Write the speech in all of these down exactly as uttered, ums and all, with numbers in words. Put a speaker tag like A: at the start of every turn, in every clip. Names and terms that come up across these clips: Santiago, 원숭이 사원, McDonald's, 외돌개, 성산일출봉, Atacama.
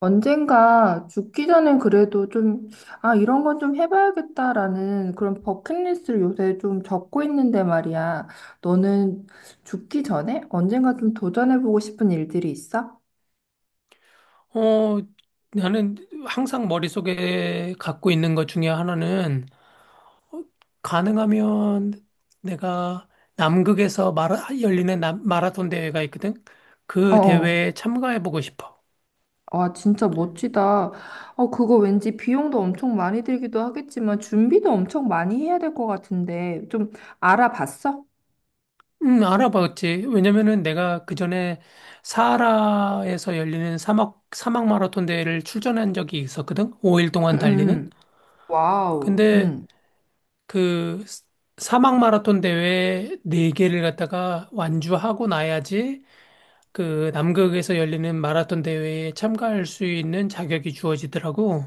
A: 언젠가 죽기 전엔 그래도 좀, 아, 이런 건 좀 해봐야겠다라는 그런 버킷리스트를 요새 좀 적고 있는데 말이야. 너는 죽기 전에 언젠가 좀 도전해보고 싶은 일들이 있어?
B: 어, 나는 항상 머릿속에 갖고 있는 것 중에 하나는 어, 가능하면 내가 남극에서 마라, 열리는 남- 마라톤 대회가 있거든. 그
A: 어,
B: 대회에 참가해보고 싶어.
A: 아, 진짜 멋지다. 어, 그거 왠지 비용도 엄청 많이 들기도 하겠지만 준비도 엄청 많이 해야 될 것 같은데 좀 알아봤어?
B: 음, 알아봤지. 왜냐면은 내가 그 전에 사하라에서 열리는 사막, 사막 마라톤 대회를 출전한 적이 있었거든. 오 일
A: 응,
B: 동안
A: 응,
B: 달리는.
A: 응. 와우,
B: 근데
A: 응.
B: 그 스- 사막 마라톤 대회 네개를 갖다가 완주하고 나야지 그 남극에서 열리는 마라톤 대회에 참가할 수 있는 자격이 주어지더라고.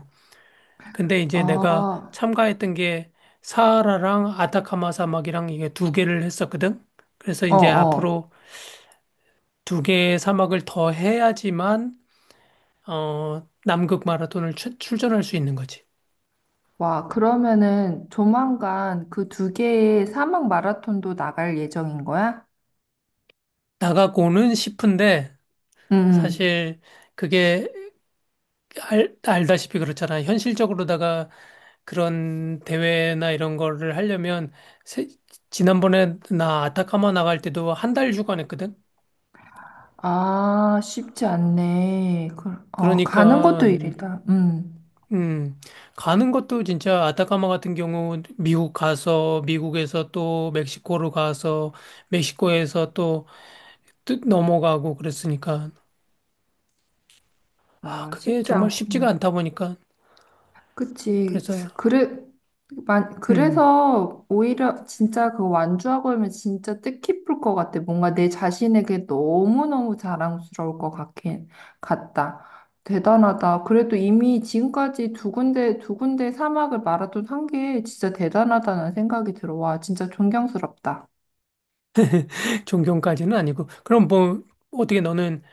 B: 근데 이제 내가
A: 아,
B: 참가했던 게 사하라랑 아타카마 사막이랑 이게 두 개를 했었거든. 그래서
A: 어,
B: 이제
A: 어.
B: 앞으로 두 개의 사막을 더 해야지만 어 남극 마라톤을 출, 출전할 수 있는 거지.
A: 와, 그러면은 조만간 그 두 개의 사막 마라톤도 나갈 예정인 거야?
B: 나가고는 싶은데
A: 응. 응.
B: 사실 그게 알, 알다시피 그렇잖아. 현실적으로다가 그런 대회나 이런 거를 하려면 세- 지난번에 나 아타카마 나갈 때도 한 달휴간했거든.
A: 아, 쉽지 않네. 그, 어, 가는 것도
B: 그러니까
A: 일이다. 음.
B: 음, 가는 것도 진짜 아타카마 같은 경우 미국 가서 미국에서 또 멕시코로 가서 멕시코에서 또, 또 넘어가고 그랬으니까. 아,
A: 와,
B: 그게
A: 쉽지
B: 정말 쉽지가
A: 않구나.
B: 않다 보니까
A: 그치.
B: 그래서,
A: 그래, 만,
B: 음,
A: 그래서 오히려 진짜 그 완주하고 하면 진짜 뜻깊을 것 같아. 뭔가 내 자신에게 너무너무 자랑스러울 것 같긴, 같다. 대단하다. 그래도 이미 지금까지 두 군데, 두 군데 사막을 마라톤 한 게 진짜 대단하다는 생각이 들어. 와, 진짜 존경스럽다.
B: 존경까지는 아니고 그럼 뭐, 어떻게 너는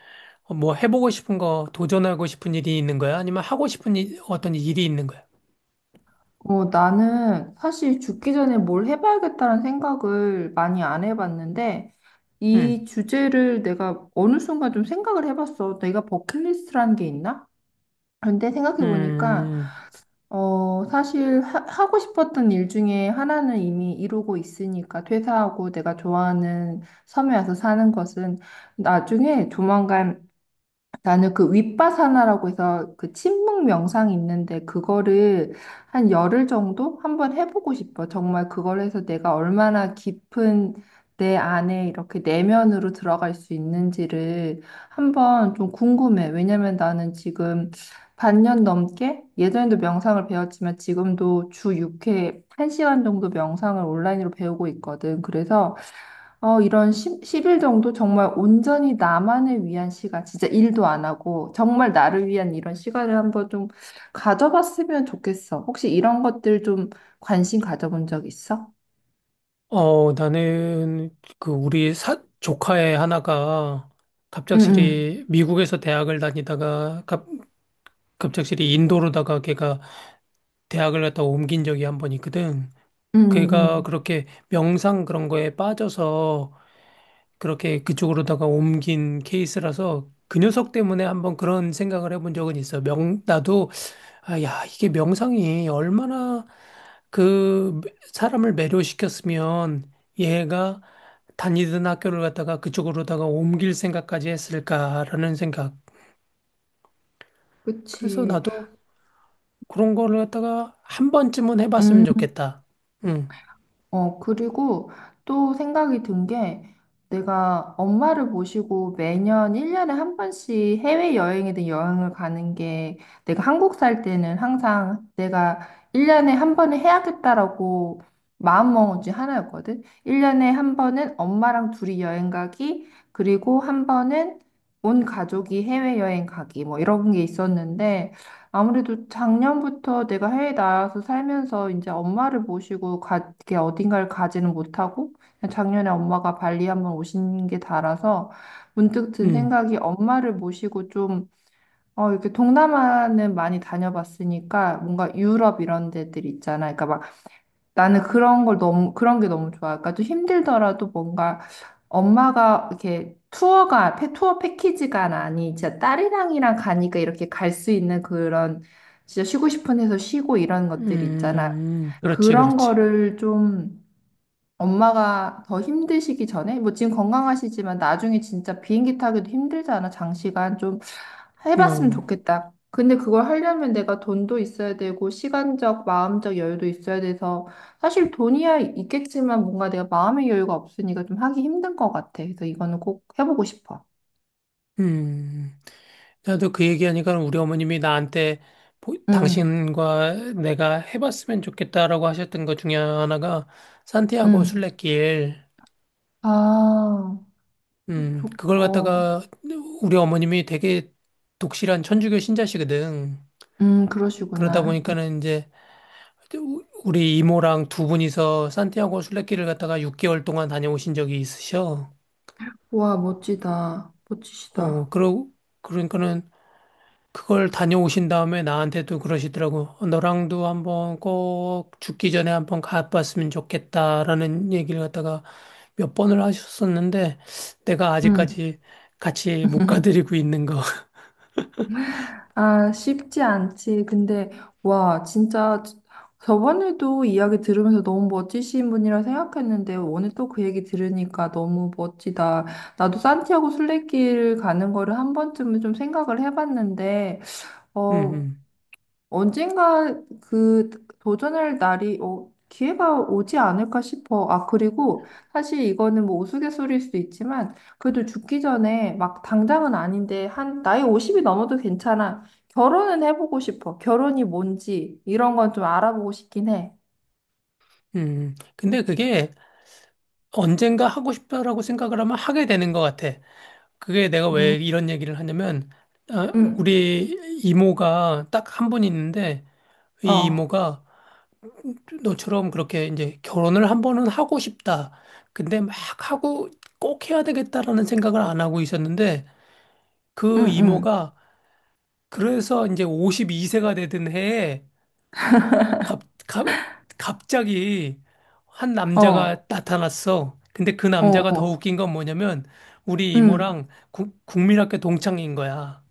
B: 어, 뭐 해보고 싶은 거, 도전하고 싶은 일이 있는 거야? 아니면 하고 싶은 일, 어떤 일이 있는 거야?
A: 어, 나는 사실 죽기 전에 뭘 해봐야겠다는 생각을 많이 안 해봤는데, 이
B: 음,
A: 주제를 내가 어느 순간 좀 생각을 해봤어. 내가 버킷리스트라는 게 있나? 그런데 생각해보니까,
B: 음,
A: 어, 사실 하, 하고 싶었던 일 중에 하나는 이미 이루고 있으니까, 퇴사하고 내가 좋아하는 섬에 와서 사는 것은 나중에 조만간 나는 그 윗바사나라고 해서 그 침묵 명상이 있는데 그거를 한 열흘 정도 한번 해보고 싶어. 정말 그걸 해서 내가 얼마나 깊은 내 안에 이렇게 내면으로 들어갈 수 있는지를 한번 좀 궁금해. 왜냐면 나는 지금 반년 넘게 예전에도 명상을 배웠지만 지금도 주 육 회 한 시간 정도 명상을 온라인으로 배우고 있거든. 그래서 어, 이런 십, 일 정도 정말 온전히 나만을 위한 시간, 진짜 일도 안 하고, 정말 나를 위한 이런 시간을 한번 좀 가져봤으면 좋겠어. 혹시 이런 것들 좀 관심 가져본 적 있어?
B: 어, 나는 그 우리 사, 조카의 하나가
A: 응, 응,
B: 갑작스레 미국에서 대학을 다니다가 갑, 갑작스레 인도로다가 걔가 대학을 갔다 옮긴 적이 한 번 있거든.
A: 응,
B: 걔가
A: 응.
B: 그렇게 명상 그런 거에 빠져서 그렇게 그쪽으로다가 옮긴 케이스라서 그 녀석 때문에 한번 그런 생각을 해본 적은 있어. 명, 나도, 아, 야, 이게 명상이 얼마나 그 사람을 매료시켰으면 얘가 다니던 학교를 갔다가 그쪽으로다가 옮길 생각까지 했을까라는 생각. 그래서
A: 그치.
B: 나도 그런 거를 갖다가 한 번쯤은 해봤으면
A: 음.
B: 좋겠다. 응,
A: 어, 그리고 또 생각이 든 게 내가 엄마를 모시고 매년 일 년에 한 번씩 해외여행이든 여행을 가는 게 내가 한국 살 때는 항상 내가 일 년에 한 번은 해야겠다라고 마음먹은 지 하나였거든. 일 년에 한 번은 엄마랑 둘이 여행 가기, 그리고 한 번은 온 가족이 해외여행 가기, 뭐 이런 게 있었는데 아무래도 작년부터 내가 해외 나가서 살면서 이제 엄마를 모시고 가, 이렇게 어딘가를 가지는 못하고 그냥 작년에 엄마가 발리 한번 오신 게 달아서 문득 든
B: 응,
A: 생각이 엄마를 모시고 좀 어, 이렇게 동남아는 많이 다녀봤으니까 뭔가 유럽 이런 데들 있잖아. 그러니까 막 나는 그런 걸 너무, 그런 게 너무 좋아. 그러니까 좀 힘들더라도 뭔가 엄마가 이렇게 투어가, 패- 투어 패키지가 아니, 진짜 딸이랑이랑 가니까 이렇게 갈 수 있는 그런 진짜 쉬고 싶은 데서 쉬고 이런
B: 음,
A: 것들 있잖아.
B: 음, 음. 그렇지,
A: 그런
B: 그렇지.
A: 거를 좀 엄마가 더 힘드시기 전에, 뭐 지금 건강하시지만 나중에 진짜 비행기 타기도 힘들잖아, 장시간. 좀 해봤으면
B: 어.
A: 좋겠다. 근데 그걸 하려면 내가 돈도 있어야 되고, 시간적, 마음적 여유도 있어야 돼서, 사실 돈이야 있겠지만 뭔가 내가 마음의 여유가 없으니까 좀 하기 힘든 것 같아. 그래서 이거는 꼭 해보고 싶어.
B: 음. 나도 그 얘기하니까 우리 어머님이 나한테 보-
A: 응,
B: 당신과 내가 해봤으면 좋겠다라고 하셨던 것 중에 하나가 산티아고
A: 응.
B: 순례길.
A: 아,
B: 음,
A: 좋,
B: 그걸
A: 어,
B: 갖다가 우리 어머님이 되게 독실한 천주교 신자시거든.
A: 음,
B: 그러다
A: 그러시구나.
B: 보니까는 이제 우- 우리 이모랑 두 분이서 산티아고 순례길을 갖다가 육 개월 동안 다녀오신 적이 있으셔.
A: 와, 멋지다.
B: 어,
A: 멋지시다.
B: 그러, 그러니까는 그걸 다녀오신 다음에 나한테도 그러시더라고. 어, 너랑도 한번 꼭 죽기 전에 한번 가봤으면 좋겠다라는 얘기를 갖다가 몇 번을 하셨었는데 내가
A: 응.
B: 아직까지 같이 못 가드리고 있는 거.
A: 아, 쉽지 않지. 근데, 와, 진짜 저번에도 이야기 들으면서 너무 멋지신 분이라 생각했는데, 오늘 또 그 얘기 들으니까 너무 멋지다. 나도 산티아고 순례길 가는 거를 한 번쯤은 좀 생각을 해봤는데, 어,
B: 음,
A: 언젠가 그 도전할 날이 어, 기회가 오지 않을까 싶어. 아, 그리고 사실 이거는 뭐 우스갯소리일 수도 있지만 그래도 죽기 전에 막 당장은 아닌데 한 나이 오십이 넘어도 괜찮아. 결혼은 해보고 싶어. 결혼이 뭔지 이런 건 좀 알아보고 싶긴 해.
B: 음, 음. 근데 그게 언젠가 하고 싶다라고 생각을 하면 하게 되는 것 같아. 그게 내가
A: 음,
B: 왜 이런 얘기를 하냐면, 아,
A: 응,
B: 우리 이모가 딱 한 분 있는데, 이
A: 어,
B: 이모가 너처럼 그렇게 이제 결혼을 한 번은 하고 싶다. 근데 막 하고 꼭 해야 되겠다라는 생각을 안 하고 있었는데 그
A: 응, 응,
B: 이모가 그래서 이제 오십이 세가 되던 해에 갑, 갑, 갑자기 한
A: 어,
B: 남자가 나타났어. 근데 그
A: 어,
B: 남자가 더
A: 어,
B: 웃긴 건 뭐냐면 우리
A: 응.
B: 이모랑 구- 국민학교 동창인 거야.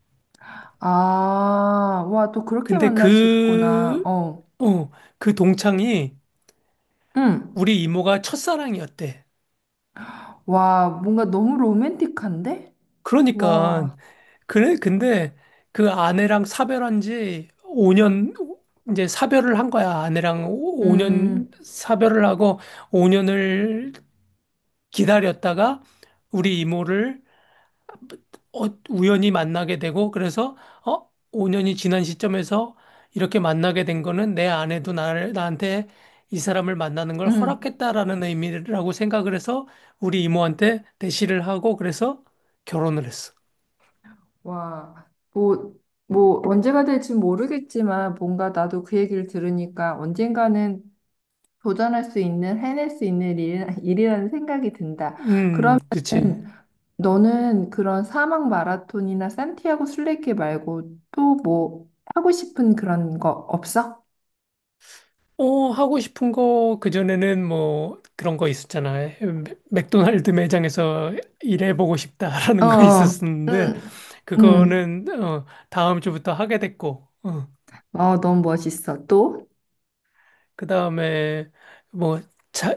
A: 아, 와, 또 그렇게
B: 근데
A: 만나시구나.
B: 그,
A: 어,
B: 어, 그 동창이
A: 응.
B: 우리 이모가 첫사랑이었대.
A: 와, 뭔가 너무 로맨틱한데?
B: 그러니까
A: 와,
B: 그래, 근데 그 아내랑 사별한 지 오 년, 이제 사별을 한 거야. 아내랑 오 년
A: 음,
B: 사별을 하고 오 년을 기다렸다가 우리 이모를 어, 우연히 만나게 되고 그래서 어, 오 년이 지난 시점에서 이렇게 만나게 된 거는 내 아내도 나를, 나한테 이 사람을 만나는 걸
A: 음,
B: 허락했다라는 의미라고 생각을 해서 우리 이모한테 대시를 하고 그래서 결혼을 했어.
A: 와, 뭐, 뭐, 언제가 될지 모르겠지만 뭔가 나도 그 얘기를 들으니까 언젠가는 도전할 수 있는, 해낼 수 있는 일, 일이라는 생각이 든다.
B: 음, 그치.
A: 음, 너는 그런 사막 마라톤이나 산티아고 순례길 말고 또 뭐 하고 싶은 그런 거 없어?
B: 어, 하고 싶은 거, 그전에는 뭐 그런 거 있었잖아. 맥- 맥도날드 매장에서 일해보고 싶다라는 거
A: 어,
B: 있었었는데,
A: 응, 응.
B: 그거는, 어, 다음 주부터 하게 됐고, 어,
A: 어, 너무 멋있어. 또?
B: 그 다음에 뭐, 자,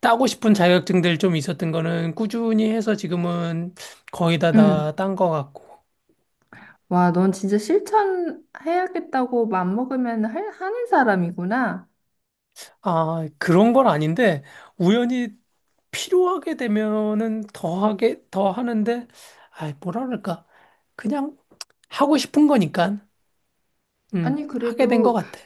B: 따고 싶은 자격증들 좀 있었던 거는 꾸준히 해서 지금은 거의 다
A: 응.
B: 다 딴 거 같고.
A: 와, 넌 진짜 실천해야겠다고 맘먹으면 할, 하는 사람이구나.
B: 아, 그런 건 아닌데, 우연히 필요하게 되면은 더 하게, 더 하는데, 아, 뭐라 그럴까. 그냥 하고 싶은 거니까, 음,
A: 아니,
B: 하게 된 것
A: 그래도
B: 같아.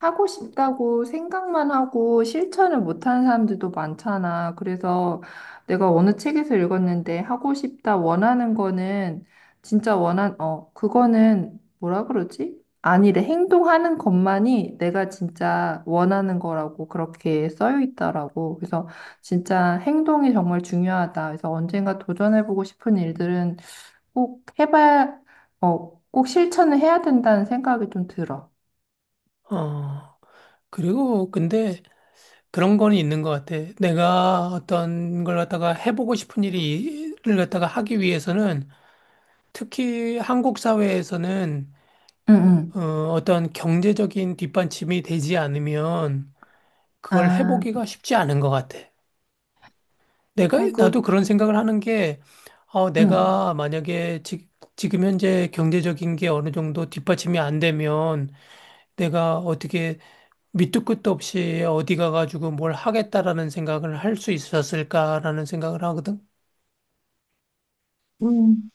A: 하고 싶다고 생각만 하고 실천을 못하는 사람들도 많잖아. 그래서 내가 어느 책에서 읽었는데 하고 싶다 원하는 거는 진짜 원한 어 그거는 뭐라 그러지? 아니래. 행동하는 것만이 내가 진짜 원하는 거라고 그렇게 써여 있더라고. 그래서 진짜 행동이 정말 중요하다. 그래서 언젠가 도전해보고 싶은 일들은 꼭 해봐야 어 꼭 실천을 해야 된다는 생각이 좀 들어.
B: 어, 그리고 근데 그런 거는 있는 것 같아. 내가 어떤 걸 갖다가 해보고 싶은 일을 갖다가 하기 위해서는 특히 한국 사회에서는
A: 응, 응.
B: 어, 어떤 경제적인 뒷받침이 되지 않으면 그걸
A: 아,
B: 해보기가 쉽지 않은 것 같아. 내가,
A: 아이고,
B: 나도 그런 생각을 하는 게, 어,
A: 응.
B: 내가 만약에 지, 지금 현재 경제적인 게 어느 정도 뒷받침이 안 되면 내가 어떻게 밑도 끝도 없이 어디 가가지고 뭘 하겠다라는 생각을 할 수 있었을까라는 생각을 하거든.
A: 음,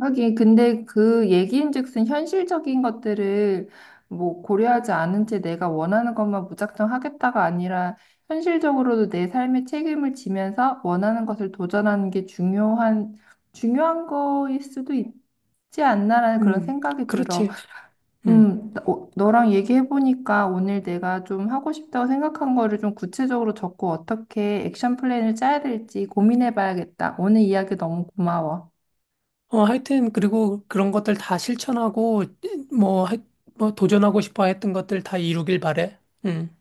A: 하긴, 근데 그 얘기인즉슨 현실적인 것들을 뭐 고려하지 않은 채 내가 원하는 것만 무작정 하겠다가 아니라 현실적으로도 내 삶의 책임을 지면서 원하는 것을 도전하는 게 중요한, 중요한 거일 수도 있지 않나라는 그런
B: 음,
A: 생각이 들어.
B: 그렇지. 음.
A: 음, 나- 어, 너랑 얘기해보니까 오늘 내가 좀 하고 싶다고 생각한 거를 좀 구체적으로 적고 어떻게 액션 플랜을 짜야 될지 고민해봐야겠다. 오늘 이야기 너무 고마워.
B: 어, 하여튼, 그리고 그런 것들 다 실천하고, 뭐, 하, 뭐, 도전하고 싶어 했던 것들 다 이루길 바래. 음.